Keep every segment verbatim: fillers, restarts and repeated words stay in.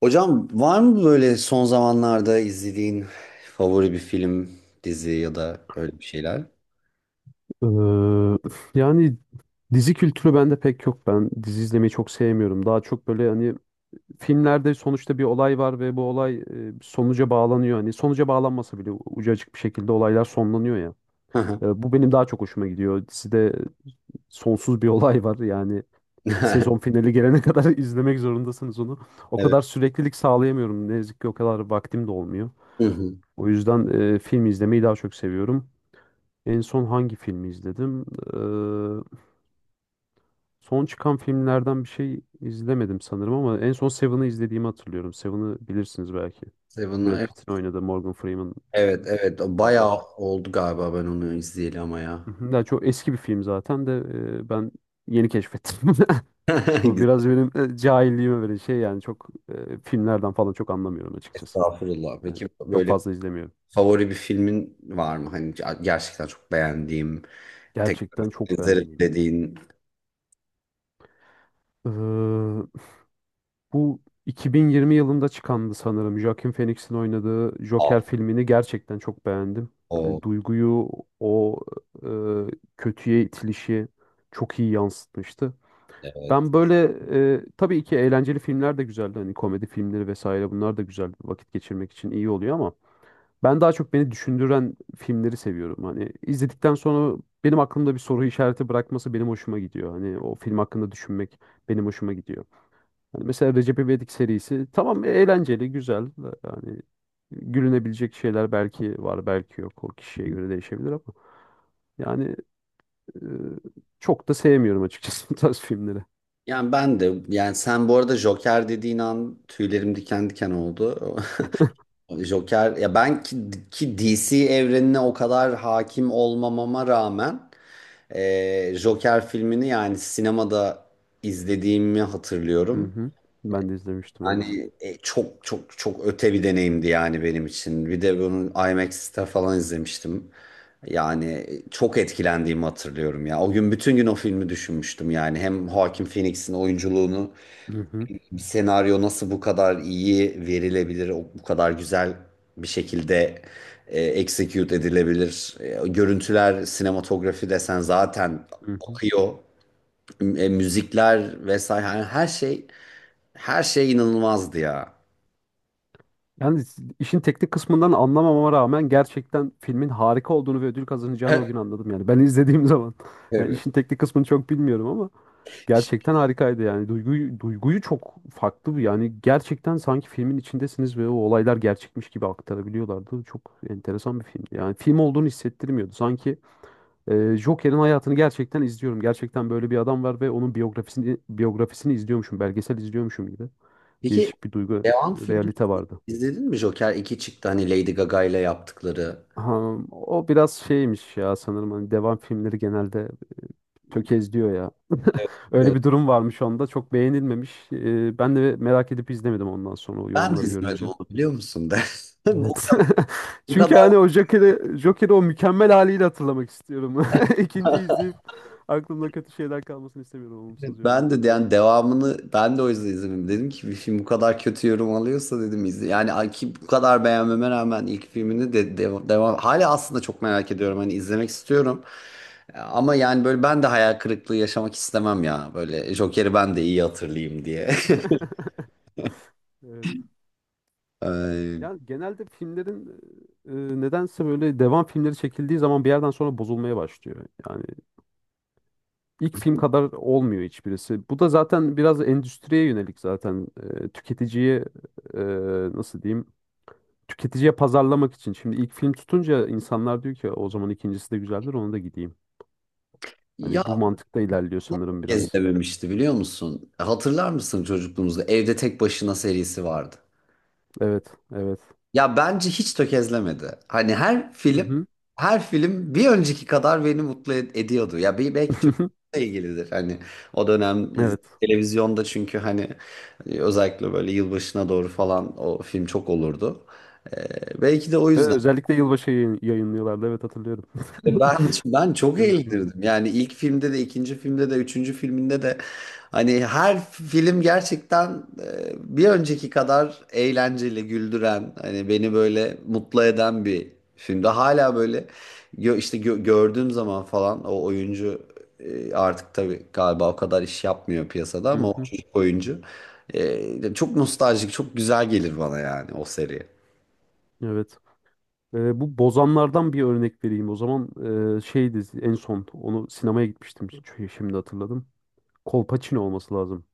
Hocam var mı böyle son zamanlarda izlediğin favori bir film, dizi ya da öyle bir şeyler? Ee, yani dizi kültürü bende pek yok. Ben dizi izlemeyi çok sevmiyorum. Daha çok böyle hani filmlerde sonuçta bir olay var ve bu olay e, sonuca bağlanıyor. Hani sonuca bağlanmasa bile ucu açık bir şekilde olaylar sonlanıyor ya. Hı hı. Ee, bu benim daha çok hoşuma gidiyor. Dizide sonsuz bir olay var. Yani sezon finali gelene kadar izlemek zorundasınız onu. O Evet. kadar süreklilik sağlayamıyorum. Ne yazık ki o kadar vaktim de olmuyor. Hı hı. O yüzden e, film izlemeyi daha çok seviyorum. En son hangi filmi izledim? Ee, Son çıkan filmlerden bir şey izlemedim sanırım ama en son Seven'ı izlediğimi hatırlıyorum. Seven'ı bilirsiniz belki. Brad Seven'ı- Pitt'in oynadığı Morgan Freeman e, Evet, evet, evet. O bayağı beraber. oldu galiba ben onu izleyeli ama ya. Hı hı. Ya çok eski bir film zaten de e, ben yeni keşfettim. O Güzel. biraz benim e, cahilliğime böyle şey yani çok e, filmlerden falan çok anlamıyorum açıkçası. Estağfurullah. Yani Peki çok böyle fazla izlemiyorum. favori bir filmin var mı? Hani ger- gerçekten çok beğendiğim, tekrar Gerçekten çok izlerim beğendiğim. dediğin. Bu iki bin yirmi yılında çıkandı sanırım. Joaquin Phoenix'in oynadığı Aa, Joker filmini gerçekten çok beğendim. o Hani duyguyu o e, kötüye itilişi çok iyi yansıtmıştı. evet. Ben böyle e, tabii ki eğlenceli filmler de güzeldi. Hani komedi filmleri vesaire bunlar da güzel vakit geçirmek için iyi oluyor ama ben daha çok beni düşündüren filmleri seviyorum. Hani izledikten sonra benim aklımda bir soru işareti bırakması benim hoşuma gidiyor. Hani o film hakkında düşünmek benim hoşuma gidiyor. Hani mesela Recep İvedik serisi tamam eğlenceli, güzel. Yani gülünebilecek şeyler belki var, belki yok. O kişiye göre değişebilir ama yani e, çok da sevmiyorum açıkçası bu tarz filmleri. Yani ben de yani sen bu arada Joker dediğin an tüylerim diken diken oldu. Joker ya ben ki, ki D C evrenine o kadar hakim olmamama rağmen e, Joker filmini yani sinemada izlediğimi Hı hatırlıyorum. hı. Ben de izlemiştim evet. Yani e, çok çok çok öte bir deneyimdi yani benim için. Bir de bunu IMAX'te falan izlemiştim. Yani e, çok etkilendiğimi hatırlıyorum ya. O gün bütün gün o filmi düşünmüştüm yani. Hem Joaquin Phoenix'in oyunculuğunu, Hı hı. bir senaryo nasıl bu kadar iyi verilebilir, o- bu kadar güzel bir şekilde e, execute edilebilir. E, görüntüler, sinematografi desen zaten Hı hı. akıyor. E, müzikler vesaire yani her şey her şey inanılmazdı ya. Yani işin teknik kısmından anlamamama rağmen gerçekten filmin harika olduğunu ve ödül kazanacağını o gün anladım yani. Ben izlediğim zaman yani Evet. işin teknik kısmını çok bilmiyorum ama gerçekten harikaydı yani. Duyguyu, duyguyu çok farklı bir yani gerçekten sanki filmin içindesiniz ve o olaylar gerçekmiş gibi aktarabiliyorlardı. Çok enteresan bir filmdi. Yani film olduğunu hissettirmiyordu. Sanki e, Joker'in hayatını gerçekten izliyorum. Gerçekten böyle bir adam var ve onun biyografisini biyografisini izliyormuşum, belgesel izliyormuşum gibi. Peki Değişik bir duygu, devam filmini realite vardı. izledin mi? Joker iki çıktı hani Lady Gaga ile yaptıkları. Ha, o biraz şeymiş ya sanırım hani devam filmleri genelde tökezliyor ya. Öyle Evet, bir durum varmış onda. Çok beğenilmemiş. Ee, ben de merak edip izlemedim ondan sonra o ben de yorumları izlemedim görünce. onu biliyor musun de. O Evet. kadar, o Çünkü kadar hani o Joker'i Joker'i o mükemmel haliyle hatırlamak istiyorum. İkinci izleyip aklımda kötü şeyler kalmasını istemiyorum olumsuz ben yorumların. de yani devamını ben de o yüzden izlemedim. Dedim ki bir film bu kadar kötü yorum alıyorsa dedim izle. Yani ay ki bu kadar beğenmeme rağmen ilk filmini de devam, devam hala aslında çok merak ediyorum hani izlemek istiyorum. Ama yani böyle ben de hayal kırıklığı yaşamak istemem ya. Böyle Joker'i ben de iyi hatırlayayım diye. Evet. Ee, Yani genelde filmlerin e, nedense böyle devam filmleri çekildiği zaman bir yerden sonra bozulmaya başlıyor. Yani. İlk film kadar olmuyor hiçbirisi. Bu da zaten biraz endüstriye yönelik zaten e, tüketiciye e, nasıl diyeyim? Tüketiciye pazarlamak için. Şimdi ilk film tutunca insanlar diyor ki o zaman ikincisi de güzeldir ona da gideyim. ya Hani bu mantıkta ilerliyor sanırım kez biraz. dememişti biliyor musun? Hatırlar mısın çocukluğumuzda Evde Tek Başına serisi vardı. Evet, evet. Ya bence hiç tökezlemedi. Hani her Hı film hı. her film bir önceki kadar beni mutlu ed- ediyordu. Ya bir- belki çocuklukla ilgilidir. Hani o dönem iz- Evet. televizyonda çünkü hani e, özellikle böyle yılbaşına doğru falan o film çok olurdu. Ee, belki de o Evet, yüzden özellikle yılbaşı yayın, yayınlıyorlardı. Evet hatırlıyorum. E Ben ben çok Evet. eğlenirdim. Yani ilk filmde de, ikinci filmde de, üçüncü filminde de hani her film gerçekten e, bir önceki kadar eğlenceli, güldüren, hani beni böyle mutlu eden bir filmde hala böyle gö- işte gö- gördüğüm zaman falan o oyuncu, e, artık tabii galiba o kadar iş yapmıyor piyasada Hı ama o hı. çocuk oyuncu e, çok nostaljik, çok güzel gelir bana yani o seri. Evet. Ee, bu Bozanlardan bir örnek vereyim. O zaman e, şeydi en son onu sinemaya gitmiştim. Ş- Şimdi hatırladım. Kolpaçino olması lazım.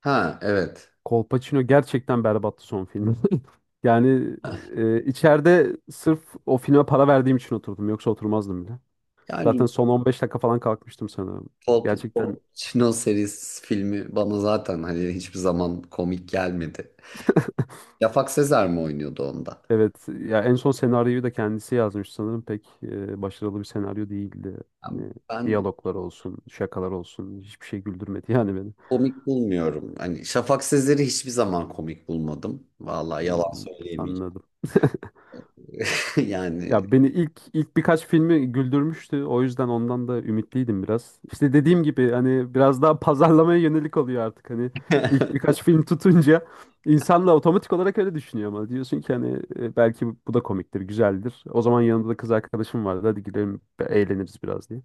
Ha evet. Kolpaçino gerçekten berbattı son filmi. Yani e, içeride sırf o filme para verdiğim için oturdum. Yoksa oturmazdım bile. Yani Zaten son on beş dakika falan kalkmıştım sanırım. Pol- Gerçekten Pol- Çino serisi filmi bana zaten hani hiçbir zaman komik gelmedi. Şafak Sezer mi oynuyordu onda? evet. Ya en son senaryoyu da kendisi yazmış sanırım. Pek e, başarılı bir senaryo değildi. Yani Yani ben diyaloglar olsun, şakalar olsun. Hiçbir şey güldürmedi yani beni. komik bulmuyorum. Hani Şafak Sezer'i hiçbir zaman komik bulmadım. Vallahi yalan Hmm, söyleyemeyeceğim. anladım. Yani Ya beni ilk ilk birkaç filmi güldürmüştü. O yüzden ondan da ümitliydim biraz. İşte dediğim gibi hani biraz daha pazarlamaya yönelik oluyor artık. Hani ilk birkaç film tutunca insanla otomatik olarak öyle düşünüyor ama diyorsun ki hani e, belki bu bu da komiktir, güzeldir. O zaman yanında da kız arkadaşım vardı. Hadi gidelim be- eğleniriz biraz diye.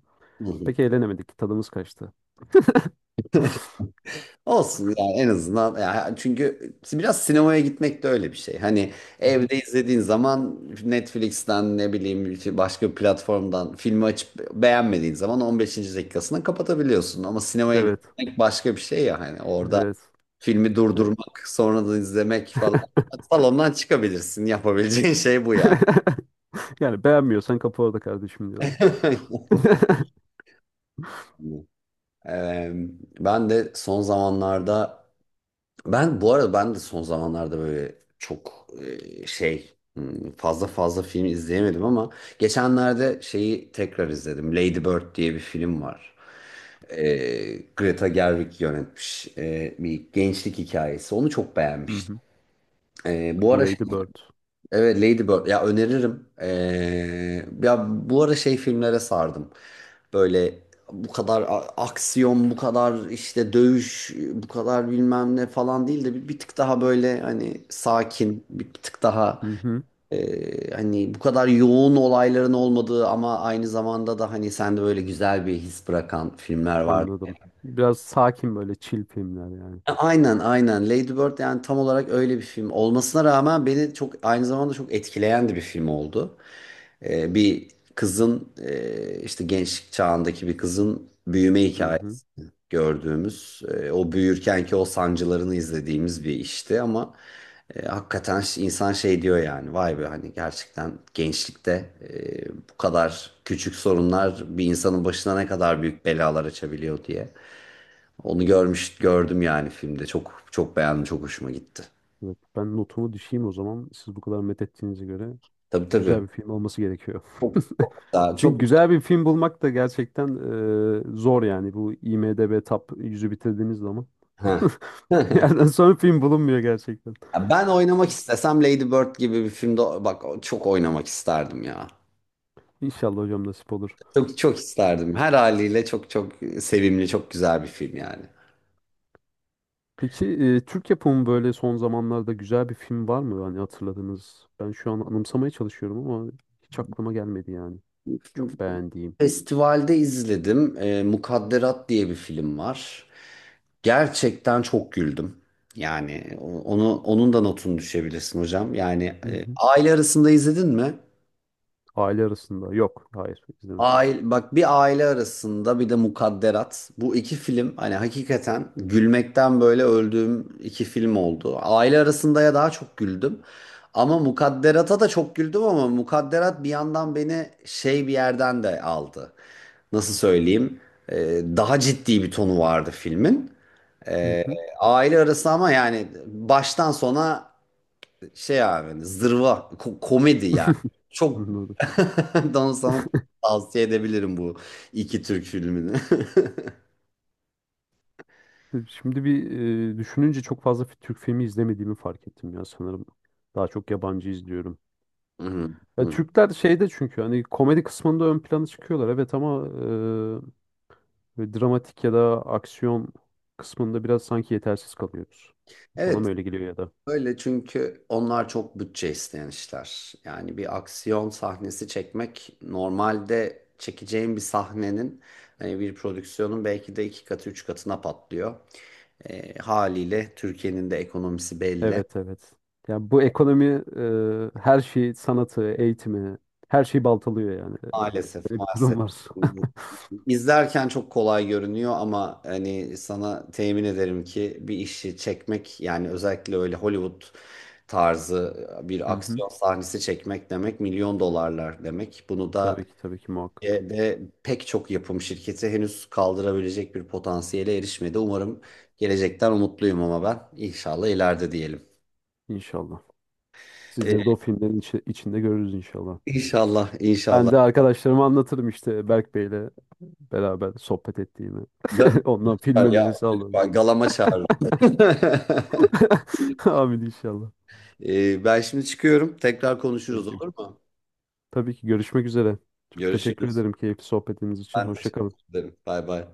Pek eğlenemedik. Tadımız kaçtı. Hı olsun yani en azından ya çünkü biraz sinemaya gitmek de öyle bir şey. Hani hı. evde izlediğin zaman Netflix'ten ne bileyim işte başka bir platformdan filmi açıp beğenmediğin zaman on beşinci dakikasını kapatabiliyorsun. Ama sinemaya Evet. gitmek başka bir şey ya hani orada Evet. filmi durdurmak sonra da izlemek falan. Salondan çıkabilirsin yapabileceğin şey bu ya. Yani beğenmiyorsan kapa orada kardeşim diyorlar. Yani, Eee, ben de son zamanlarda ben bu arada ben de son zamanlarda böyle çok e, şey hmm, fazla fazla film izleyemedim ama geçenlerde şeyi tekrar izledim. Lady Bird diye bir film var. E, Greta Gerwig yönetmiş e, bir gençlik hikayesi. Onu çok Hı beğenmiştim. hı. E, bu ara Lady Bird. evet Ladybird. Ya öneririm. Ee, ya bu ara şey filmlere sardım. Böyle bu kadar a- aksiyon, bu kadar işte dövüş, bu kadar bilmem ne falan değil de bir, bir tık daha böyle hani sakin, bir, bir tık daha Hı hı. e, hani bu kadar yoğun olayların olmadığı ama aynı zamanda da hani sende böyle güzel bir his bırakan filmler var. Anladım. Biraz sakin böyle chill filmler yani. E, Aynen aynen Lady Bird yani tam olarak öyle bir film olmasına rağmen beni çok aynı zamanda çok etkileyen de bir film oldu. E, bir kızın e, işte gençlik çağındaki bir kızın büyüme Hı hı. hikayesi gördüğümüz e, o büyürkenki o sancılarını izlediğimiz bir işti ama e, hakikaten ş- insan şey diyor yani vay be hani gerçekten gençlikte e, bu kadar küçük sorunlar bir insanın başına ne kadar büyük belalar açabiliyor diye. Onu görmüş gördüm yani filmde. Çok çok beğendim, çok hoşuma gitti. Evet, ben notumu düşeyim o zaman. Siz bu kadar met ettiğinize göre Tabii güzel tabii. bir film olması gerekiyor. Çok daha Çünkü çok güzel bir film bulmak da gerçekten e, zor yani. Bu IMDb Top yüzü bitirdiğiniz zaman. ha. Bir yerden sonra film bulunmuyor gerçekten. Ya ben oynamak istesem Lady Bird gibi bir filmde bak çok oynamak isterdim ya. İnşallah hocam nasip olur. Çok çok isterdim. Her haliyle çok çok sevimli, çok güzel bir film yani. Peki e, Türk yapımı böyle son zamanlarda güzel bir film var mı? Hani hatırladığınız. Ben şu an anımsamaya çalışıyorum ama hiç aklıma gelmedi yani. Çok beğendiğim. Festivalde izledim. Ee, Mukadderat diye bir film var. Gerçekten çok güldüm. Yani o- onu onun da notunu düşebilirsin hocam. Yani Hı e, hı. aile arasında izledin mi? Aile arasında. Yok. Hayır. izlemedim. Aile, bak bir aile arasında bir de Mukadderat. Bu iki film hani hakikaten gülmekten böyle öldüğüm iki film oldu. Aile arasında ya daha çok güldüm. Ama Mukadderat'a da çok güldüm ama Mukadderat bir yandan beni şey bir yerden de aldı. Nasıl söyleyeyim? Ee, daha ciddi bir tonu vardı filmin. Hı Ee, hı. aile arası ama yani baştan sona şey abi hani zırva ko- komedi yani. Çok Anladım. don sana tavsiye edebilirim bu iki Türk filmini. Şimdi bir e, düşününce çok fazla fi- Türk filmi izlemediğimi fark ettim ya sanırım. Daha çok yabancı izliyorum. Hı hı, Ya hı. Türkler şeyde çünkü hani komedi kısmında ön plana çıkıyorlar evet ama e, böyle dramatik ya da aksiyon kısmında biraz sanki yetersiz kalıyoruz. Bana Evet mı öyle geliyor ya da? öyle çünkü onlar çok bütçe isteyen işler. Yani bir aksiyon sahnesi çekmek normalde çekeceğin bir sahnenin hani bir prodüksiyonun belki de iki katı üç katına patlıyor. E, haliyle Türkiye'nin de ekonomisi belli. Evet evet. Ya bu ekonomi e, her şeyi sanatı, eğitimi, her şeyi baltalıyor yani. Maalesef, Böyle bir maalesef. durum var. İzlerken çok kolay görünüyor ama hani sana temin ederim ki bir işi çekmek yani özellikle öyle Hollywood tarzı bir Hı hı. aksiyon sahnesi çekmek demek milyon dolarlar demek. Bunu da Tabii ki tabii ki muhakkak. de pek çok yapım şirketi henüz kaldırabilecek bir potansiyele erişmedi. Umarım gelecekten umutluyum ama ben inşallah ileride diyelim. İnşallah. Sizleri de o filmlerin içi- içinde görürüz inşallah. İnşallah, Ben inşallah. de arkadaşlarıma anlatırım işte Berk Bey'le beraber sohbet ettiğimi. Ga- Ondan film ya, önerisi alırım. lütfen galama çağırın. Amin inşallah. Ee, ben şimdi çıkıyorum. Tekrar konuşuruz Peki. olur mu? Tabii ki görüşmek üzere. Çok teşekkür Görüşürüz. ederim keyifli sohbetiniz için. Ben Hoşça teşekkür kalın. ederim. Bay bay.